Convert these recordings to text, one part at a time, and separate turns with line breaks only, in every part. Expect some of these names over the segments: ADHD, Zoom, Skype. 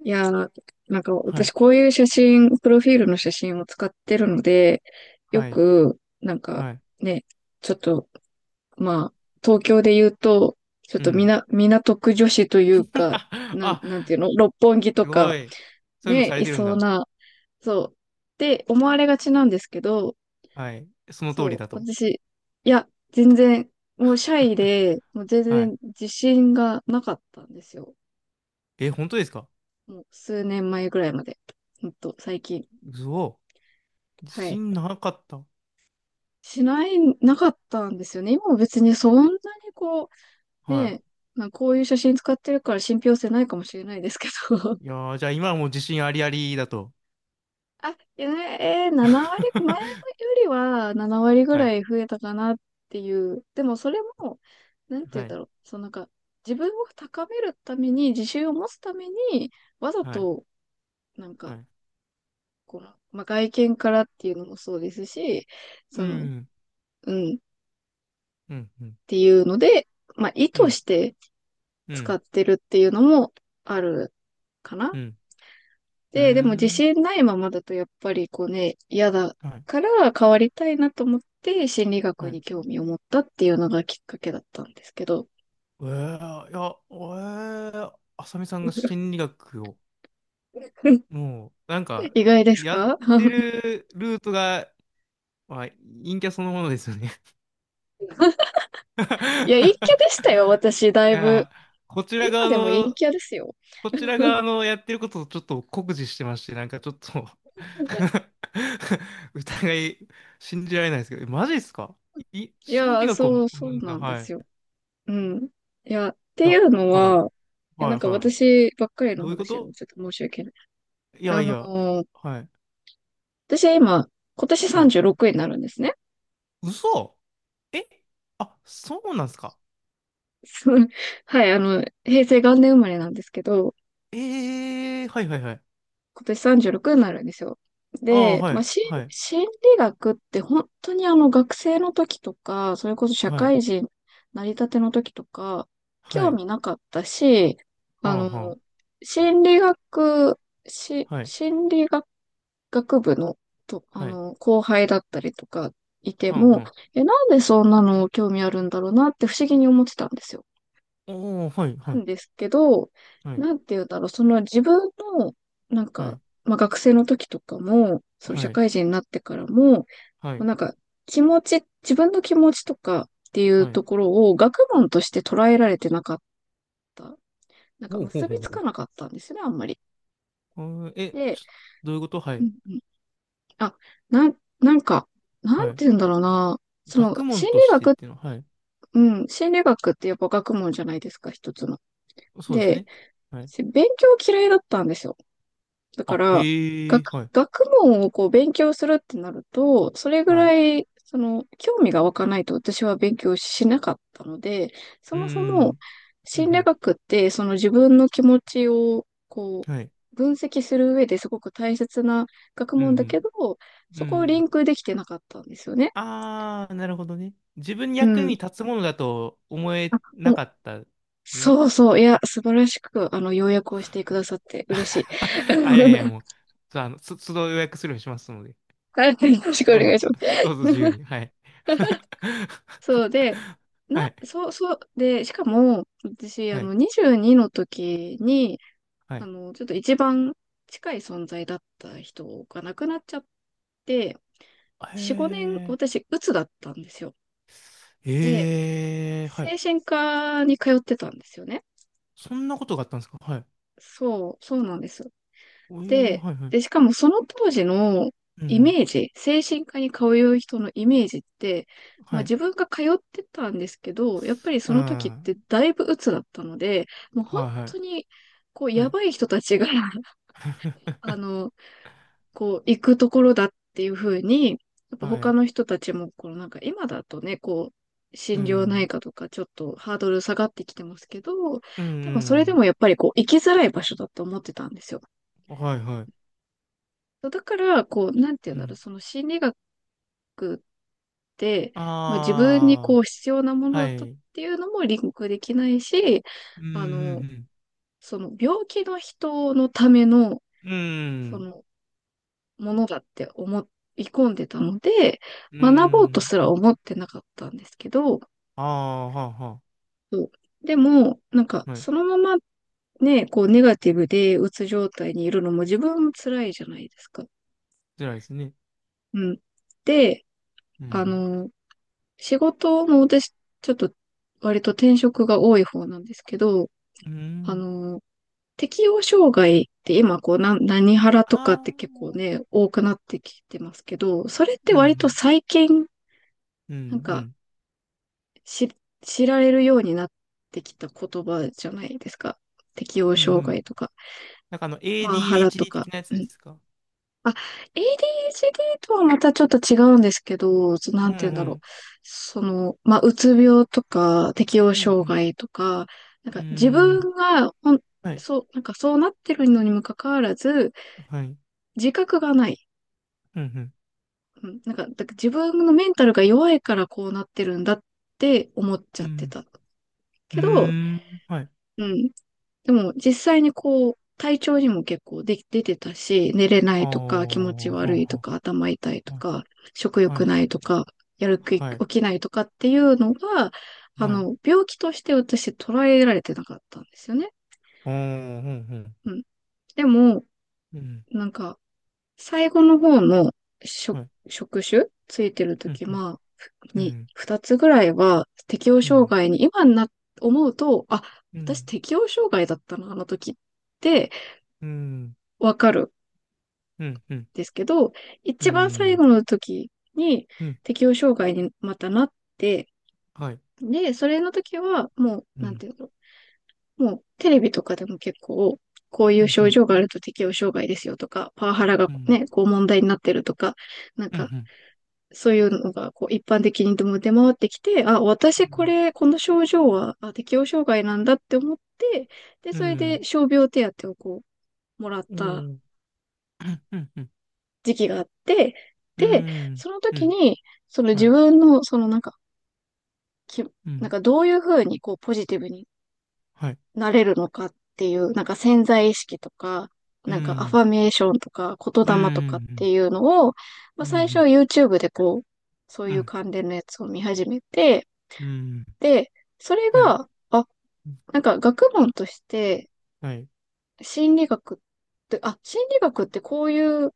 いやー、なんか
は
私
い、
こういう写真、プロフィールの写真を使ってるので、よ
はい、
く、なんか
はい。
ね、ちょっと、まあ、東京で言うと、ちょっ
う
とみ
ん。
な、港区女子というか、
あ、
なんていうの、六本木と
すご
か、
い。そういうの
ね、
され
い
てるん
そう
だ。
な、そう、って思われがちなんですけど、
はい。その通
そ
り
う、
だと。
私、いや、全然、もうシャイで、もう全
はい。
然自信がなかったんですよ。
え、本当ですか？
もう数年前ぐらいまで。ほんと、最近。
うお、自
はい。
信なかった。
しない、なかったんですよね。今も別にそんなにこう、
は
ね、まあ、こういう写真使ってるから信憑性ないかもしれないですけど。
い。い やー、じゃあ今はもう自信ありありだと。
あ、いやね、7割、前よ りは7割ぐ
は
ら
い、
い増えたかなっていう。でもそれも、なんて言
は
うんだ
い、
ろう。そのなんか、自分を高めるために、自信を持つために、わざ
はい、
と、なん
は
か、
い。
この、まあ、外見からっていうのもそうですし、
う
その、
ん、
うん、っ
うん、うん、
ていうので、まあ、意
う
図
ん、
して、
う
使
ん、
ってるっていうのもあるかな。
うん、うー
でも自
ん。
信ないままだとやっぱりこうね、嫌だ
はい、
から変わりたいなと思って心理学
はい。
に興味を持ったっていうのがきっかけだったんですけど。
いや、あさみさんが心理学を もう、なんか、
意外です
やっ
か？
てるルートが、まあ、陰キャそのものですよね。
いや、陰キャでしたよ、私、
い
だいぶ。
やー、こちら
今
側
でも陰
の、
キャですよ。
こちら側のやってることをちょっと酷似してまして、なんかちょっと 疑い、信じられないですけど、えマジですか？
い
心理
や、
学を学
そう、そう
んだ。
なんで
はい。
すよ。
い
うん。いや、ってい
や、
うの
はい、
は、いや、
は
なん
い、
か
は
私ばっかり
い。
の
どういうこ
話でも
と？
ちょっと申し訳ない。
いや
あ
い
の
や、
ー
はい、
私今、今年
はい。
36になるんですね。
嘘？え？あ、そうなんですか？
そのはい、あの、平成元年生まれなんですけど、
ええー、はいはいはい。
今年36になるんですよ。
ああ、
で、
は
まあ、
い、はい、
心理学って本当にあの学生の時とか、それこそ社
はい、
会人成り立ての時とか、
は
興
い、
味なかったし、
は
あ
んは
の、
ん、
心理学、
はい、
心理学、学部の、あ
はい、
の、後輩だったりとかいて
はんは
も、
ん。
え、なんでそんなの興味あるんだろうなって不思議に思ってたんですよ。
おお、はい、は
な
い、
んですけど、
はい、
なんて言うんだろう、その自分の、なん
は
か、
い、
まあ、学生の時とかも、その社
はい、
会人になってからも、
はい、
なんか、気持ち、自分の気持ちとかっていう
はい。
ところを学問として捉えられてなかった。なんか
ほうほう
結
ほう
びつ
ほ
かな
う。
かったんですね、あんまり。
あー、え、
で、
どういうこと？は
う
い、
んうん、あ、なんか、な
は
ん
い。
て言うんだろうな、そ
学
の、
問としてっていうのは、はい。
心理学ってやっぱ学問じゃないですか、一つの。
そうです
で、
ね。はい。
勉強嫌いだったんですよ。だか
あ、
ら、
へえ、
学、
はい、
学問をこう勉強するってなると、それぐ
はい。
らい、その、興味が湧かないと私は勉強しなかったので、そ
うー
もそも、
ん、う
心理
ん、
学って、その自分の気持ちを、こ
うん、はい、
う、分析する上ですごく大切な学
う
問だ
ん、
けど、
うん、
そ
う
こをリ
ん。
ンクできてなかったんですよね。
ああ、なるほどね。自分に
う
役に
ん。
立つものだと思
あ、
えな
もう、
かったね。
そうそう。いや、素晴らしく、あの、要約をしてくださって嬉しい。
あ、いやいや、もう、そう、都度予約するようにしますので、
はい。よろしくお
どう
願い
ぞ、
します。
どうぞ自由 に、はい。
そうで、
は
な、
い、
そう、そう、で、しかも、私、あ
はい、
の、22の時に、
は
あ
い。
の、ちょっと一番近い存在だった人が亡くなっちゃって、
へ
4、5年、
え、
私、鬱だったんですよ。で、
ええ、は
精
い。
神科に通ってたんですよね。
そんなことがあったんですか？はい。
そう、そうなんです。
ええ、
で、
はい、はい。
で、しかもその当時の
うん、う
イ
ん、
メージ、精神科に通う人のイメージって、まあ
はい。
自分が通ってたんですけど、やっぱり
う
そ
ん、
の時っ
は
てだいぶ鬱だったので、もう
い、
本
はい、
当に、こう、
は
や
い。
ばい人たちが あの、こう、行くところだっていうふうに、やっぱ
は
他
い、
の人たちも、このなんか今だとね、こう、
う
心療内
ん、
科とかちょっとハードル下がってきてますけど、
う
でもそれで
ん、
もやっぱりこう、行きづらい場所だと思ってたんですよ。
うん、はい、はい。
そうだから、こう、なんてい
う
うんだろう、
ん。
その心理学って、まあ自分に
あ
こう必要なも
あ、
の
は
だとっ
い。
ていうのもリンクできないし、
うん、う
あの、
ん、
その病気の人のための、
う
そ
ん。
のものだって思い込んでたので、
うん、う
学ぼうと
ん。
すら思ってなかったんですけど、
ああ、はあ、は
そうでも、なんか
あ。はい。
そのままね、こうネガティブでうつ状態にいるのも自分も辛いじゃないですか。
辛いですね。
うん。で、
う
あ
ん。
の、仕事も私、ちょっと割と転職が多い方なんですけど、
う
あ
ん。
の、適応障害って今こう、何ハラとかっ
あ
て結構
あ。
ね、多くなってきてますけど、それって
う
割と
ん。
最近、
うん。
なん
う
か、
ん。
し、知られるようになってきた言葉じゃないですか。適
うん。
応
う
障
ん、
害とか、
なんかあの、
パワハラと
ADHD 的
か。
なやつですか？
あ、ADHD とはまたちょっと違うんですけど、な
うん。
ん
う
て言うんだろ
ん。
う。その、まあ、うつ病とか、適応
う
障
ん。
害とか、なん
うん。
か自
う
分
ん、
がほん、
はい。
そう、なんかそうなってるのにもかかわらず、
はい。
自覚がない。
うん。
うん、なんか、だから自分のメンタルが弱いからこうなってるんだって思っち
う
ゃって
ん。
た。
う
けど、
ん。うん、はい。
うん、でも実際にこう、体調にも結構出てたし、寝れな
ああ、
いとか、気持ち
は
悪い
あ、
と
は
か、頭痛いと
あ。はい。
か、食
は
欲
い。
ないとか、やる気起
はい。
きないとかっていうのが、あ
はい。
の、病気として私捉えられてなかったんですよね。
ああ、うん。
うん。でも、
うん。
なんか、最後の方の職、
はい。
職種ついてる
うん。
時まあ、
うん。
二つぐらいは適応
う
障
ん。
害に、今に思うと、あ、
う
私
ん。
適応障害だったな、あの時って、
うん。
わかる。
うん。うん。
ですけど、
う
一番最後
ん。
の時に
うん。
適応障害にまたなって、
はい。
で、それの時はもう、
う
なん
ん。
ていうの、もうテレビとかでも結構、こうい
う
う
ん、う
症
ん、
状があると適応障害ですよとか、パワハラが
うん、
ね、こう問題になってるとか、なん
う
か、
ん、
そういうのがこう一般的にでも出回ってきて、あ、私これ、この症状は適応障害なんだって思って、で、
うん、
そ
う
れで
ん、
傷病手当をこう、もらっ
うん、
た
うん、
時期があって、
う
で、
ん、
その
う
時
ん、
に、その
は
自
い、
分の、そのなんか、き、
う
なん
ん、
かどういうふうにこうポジティブに
はい、
なれるのかっていう、なんか潜在意識とか、
う
なんかアフ
ん、
ァメーションとか
うん、う
言霊とかって
ん、
いうのを、まあ最初は YouTube でこう、そう
う
いう
ん、
関連のやつを見始めて、
うん、
で、それ
はい、
が、あ、なんか学問として
はい、
心理学っ心理学ってこういう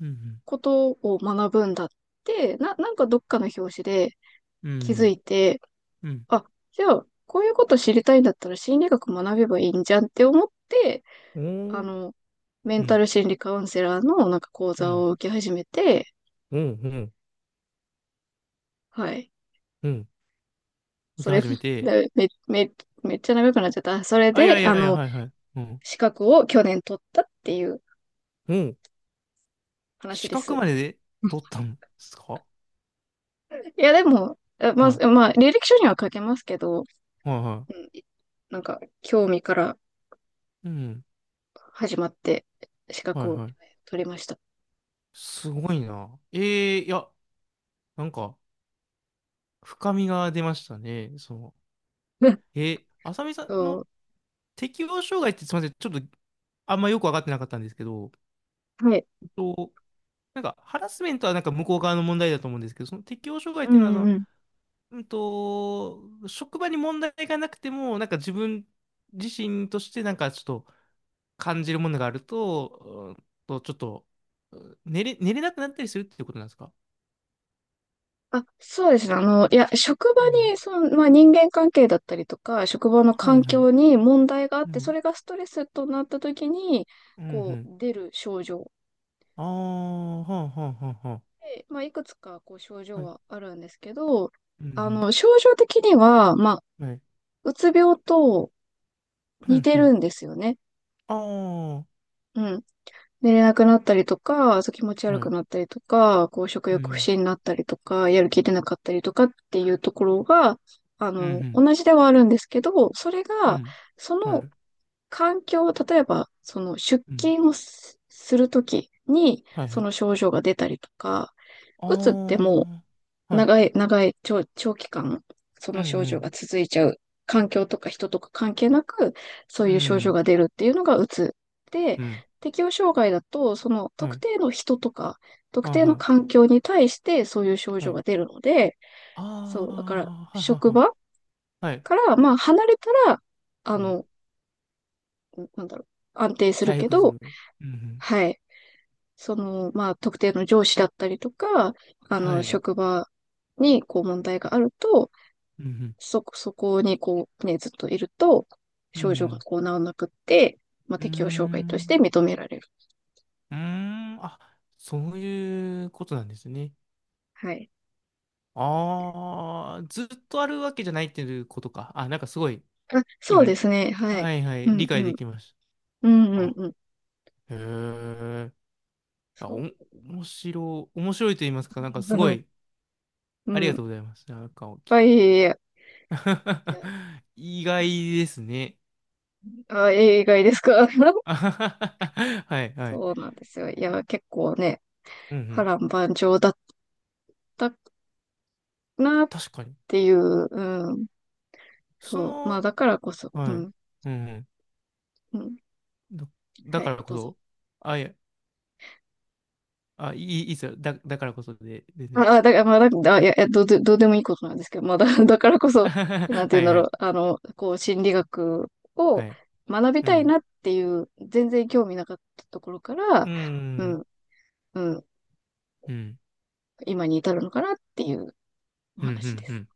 うん、
ことを学ぶんだって、なんかどっかの表紙で、
う
気づ
ん、
いて、
うん、
あ、じゃあ、こういうこと知りたいんだったら心理学学べばいいんじゃんって思って、
う
あ
ん、うん、
の、メ
う
ンタ
ん、
ル心理カウンセラーのなんか講
う
座
ん、
を受け始めて、
うん、
はい。
うん。受
そ
け
れ、
始めて。
め、め、めめっちゃ長くなっちゃった。それ
あ、いや
で、
い
あ
やいや、
の、
はいはい、うん。
資格を去年取ったっていう
うん
話
資
で
格
す。
までで取ったんですか？は
いや、でも、え
い、
ま
は
あ、まあ、履歴書には書けますけど、うん、
い、は
なんか、興味から
い、うん、
始まって資
は
格
い、
を
はい。
取りました。
すごいな、ええ、いや、なんか深みが出ましたね。その、え、浅見さんの
そ
適応障害ってすみません、ちょっとあんまよく分かってなかったんですけど、
う。はい。
えっと、なんかハラスメントはなんか向こう側の問題だと思うんですけど、その適応障害っ
う
ていうのは
んうん。
職場に問題がなくても、なんか自分自身としてなんかちょっと感じるものがあると、ちょっとうん寝れなくなったりするっていうことなんですか？
あ、そうですね。あの、いや、職場
うん。
に、その、まあ、人間関係だったりとか、職場の
は
環
いはい。
境に問題があっ
う
て、そ
ん。
れがストレスとなった時に、
うんう
こう、
ん。
出る症状。
ああ、はあはあはあは
で、まあ、いくつか、こう、症
あ。
状
はい。
はあるんですけど、
うんう
あ
ん。
の、症状的には、まあ、
はい。
うつ病と
う
似
ん、
て
うん。
るんですよね。
あ
うん。寝れなくなったりとか、そう気持ち
あ、
悪
は
く
い。
なったりとか、こう食
う
欲不
ん、
振になったりとか、やる気出なかったりとかっていうところが、あ
う
の、
ん、
同じではあるんですけど、それ
う
が、
ん、
そ
うん。は
の
い。
環境、例えば、その出
うん。
勤をするときに、
はい、は
そ
い。
の症状が出たりとか、うつって
あ
もう
あ、はい。
長い、長い、長期間、そ
う
の症状
ん、
が続いちゃう。環境とか人とか関係なく、そう
うん、
い
う
う症状
ん、
が出るっていうのがうつ。で、
うん。
適応障害だと、その
は
特
い。
定の人とか、特
ああ、
定
は
の
ん、
環境に対してそういう症
は
状
い。
が出るので、
あ
そう、だから、
あ、はい、はい、
職
は
場
い。はい。
から、まあ、離れたら、あ
うん。
の、なんだろう、安定する
回
け
復す
ど、
る。うん、うん。
はい、その、まあ、特定の上司だったりとか、あ
は
の、
い。
職場に、こう、問題があると、
うん、うん。
そこにこうね、ずっといると、
う
症状が
ん、
こう治らなくって、まあ、
うん。うー
適応障害として
ん。
認められる。
うーん。あ、そういうことなんですね。
はい。
ああ、ずっとあるわけじゃないっていうことか。あ、なんかすごい、
あ、そう
今、
ですね。はい。
はいはい、
うん、
理解
う
で
ん。
きまし
うん、
た。
うん、
あ、
うん。
へえ。あ、お、
そ
面白いと言います
う。
か、なんかすご い、
う
あり
ん。う
が
んいっ
とうございます。なんか、
ぱい、いや、いや
意外ですね。
あ、映画ですか？
あははははいはい。
そうなんですよ。いや、結構ね、
うんう
波
ん。
乱万丈だったなっ
確かに。
ていう、うん。
そ
そう。まあ、
の、
だからこそ、う
はい。
ん、
うんう
うん。
ん。だ
は
か
い、
らこ
どうぞ。
そ、あ、いや、あ、いいっすよ。だからこそで
あ、
ね。
あだから、まあ、だ、あいや、えどうで、どうでもいいことなんですけど、だからこ
あ
そ、
はは
な
は
んて
は
言うん
い
だ
は
ろう、
い。
あの、こう、心理学を
はい。
学び
う
たい
ん。
なっていう、全然興味なかったところから、
う
う
ん。
ん、うん、
うん。
今に至るのかなっていうお
うんう
話
ん
で
う
す。
ん。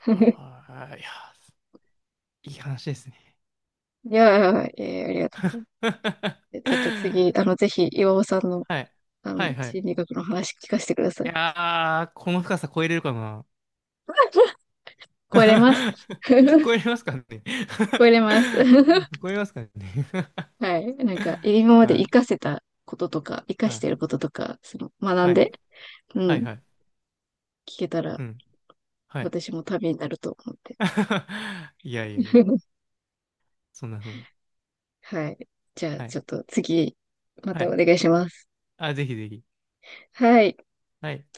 ああ、いや、いい話ですね。
いやー、ありがとう ございます。でちょっと次、あの、
は
ぜひ、岩尾さんの、
い。
あ
は
の、
いはい。
心理学の話聞かせてください。
いやー、この深さ超えれるかな？
超えれます。
超えれますかね？
超え れます。
超えますかね？
はい。なんか、今 まで
は
活か
い。
せたこととか、活か
は
し
い。
てることとか、その、学
は
ん
い。
で、う
はい
ん、
はい。
聞けたら、
うん。はい。
私もためになると思って。
いやいやいや。そんなふうに。
はい。じゃあ、
はい。
ちょっと次、ま
は
たお
い。
願いします。
あ、ぜひぜひ。
はい。
はい。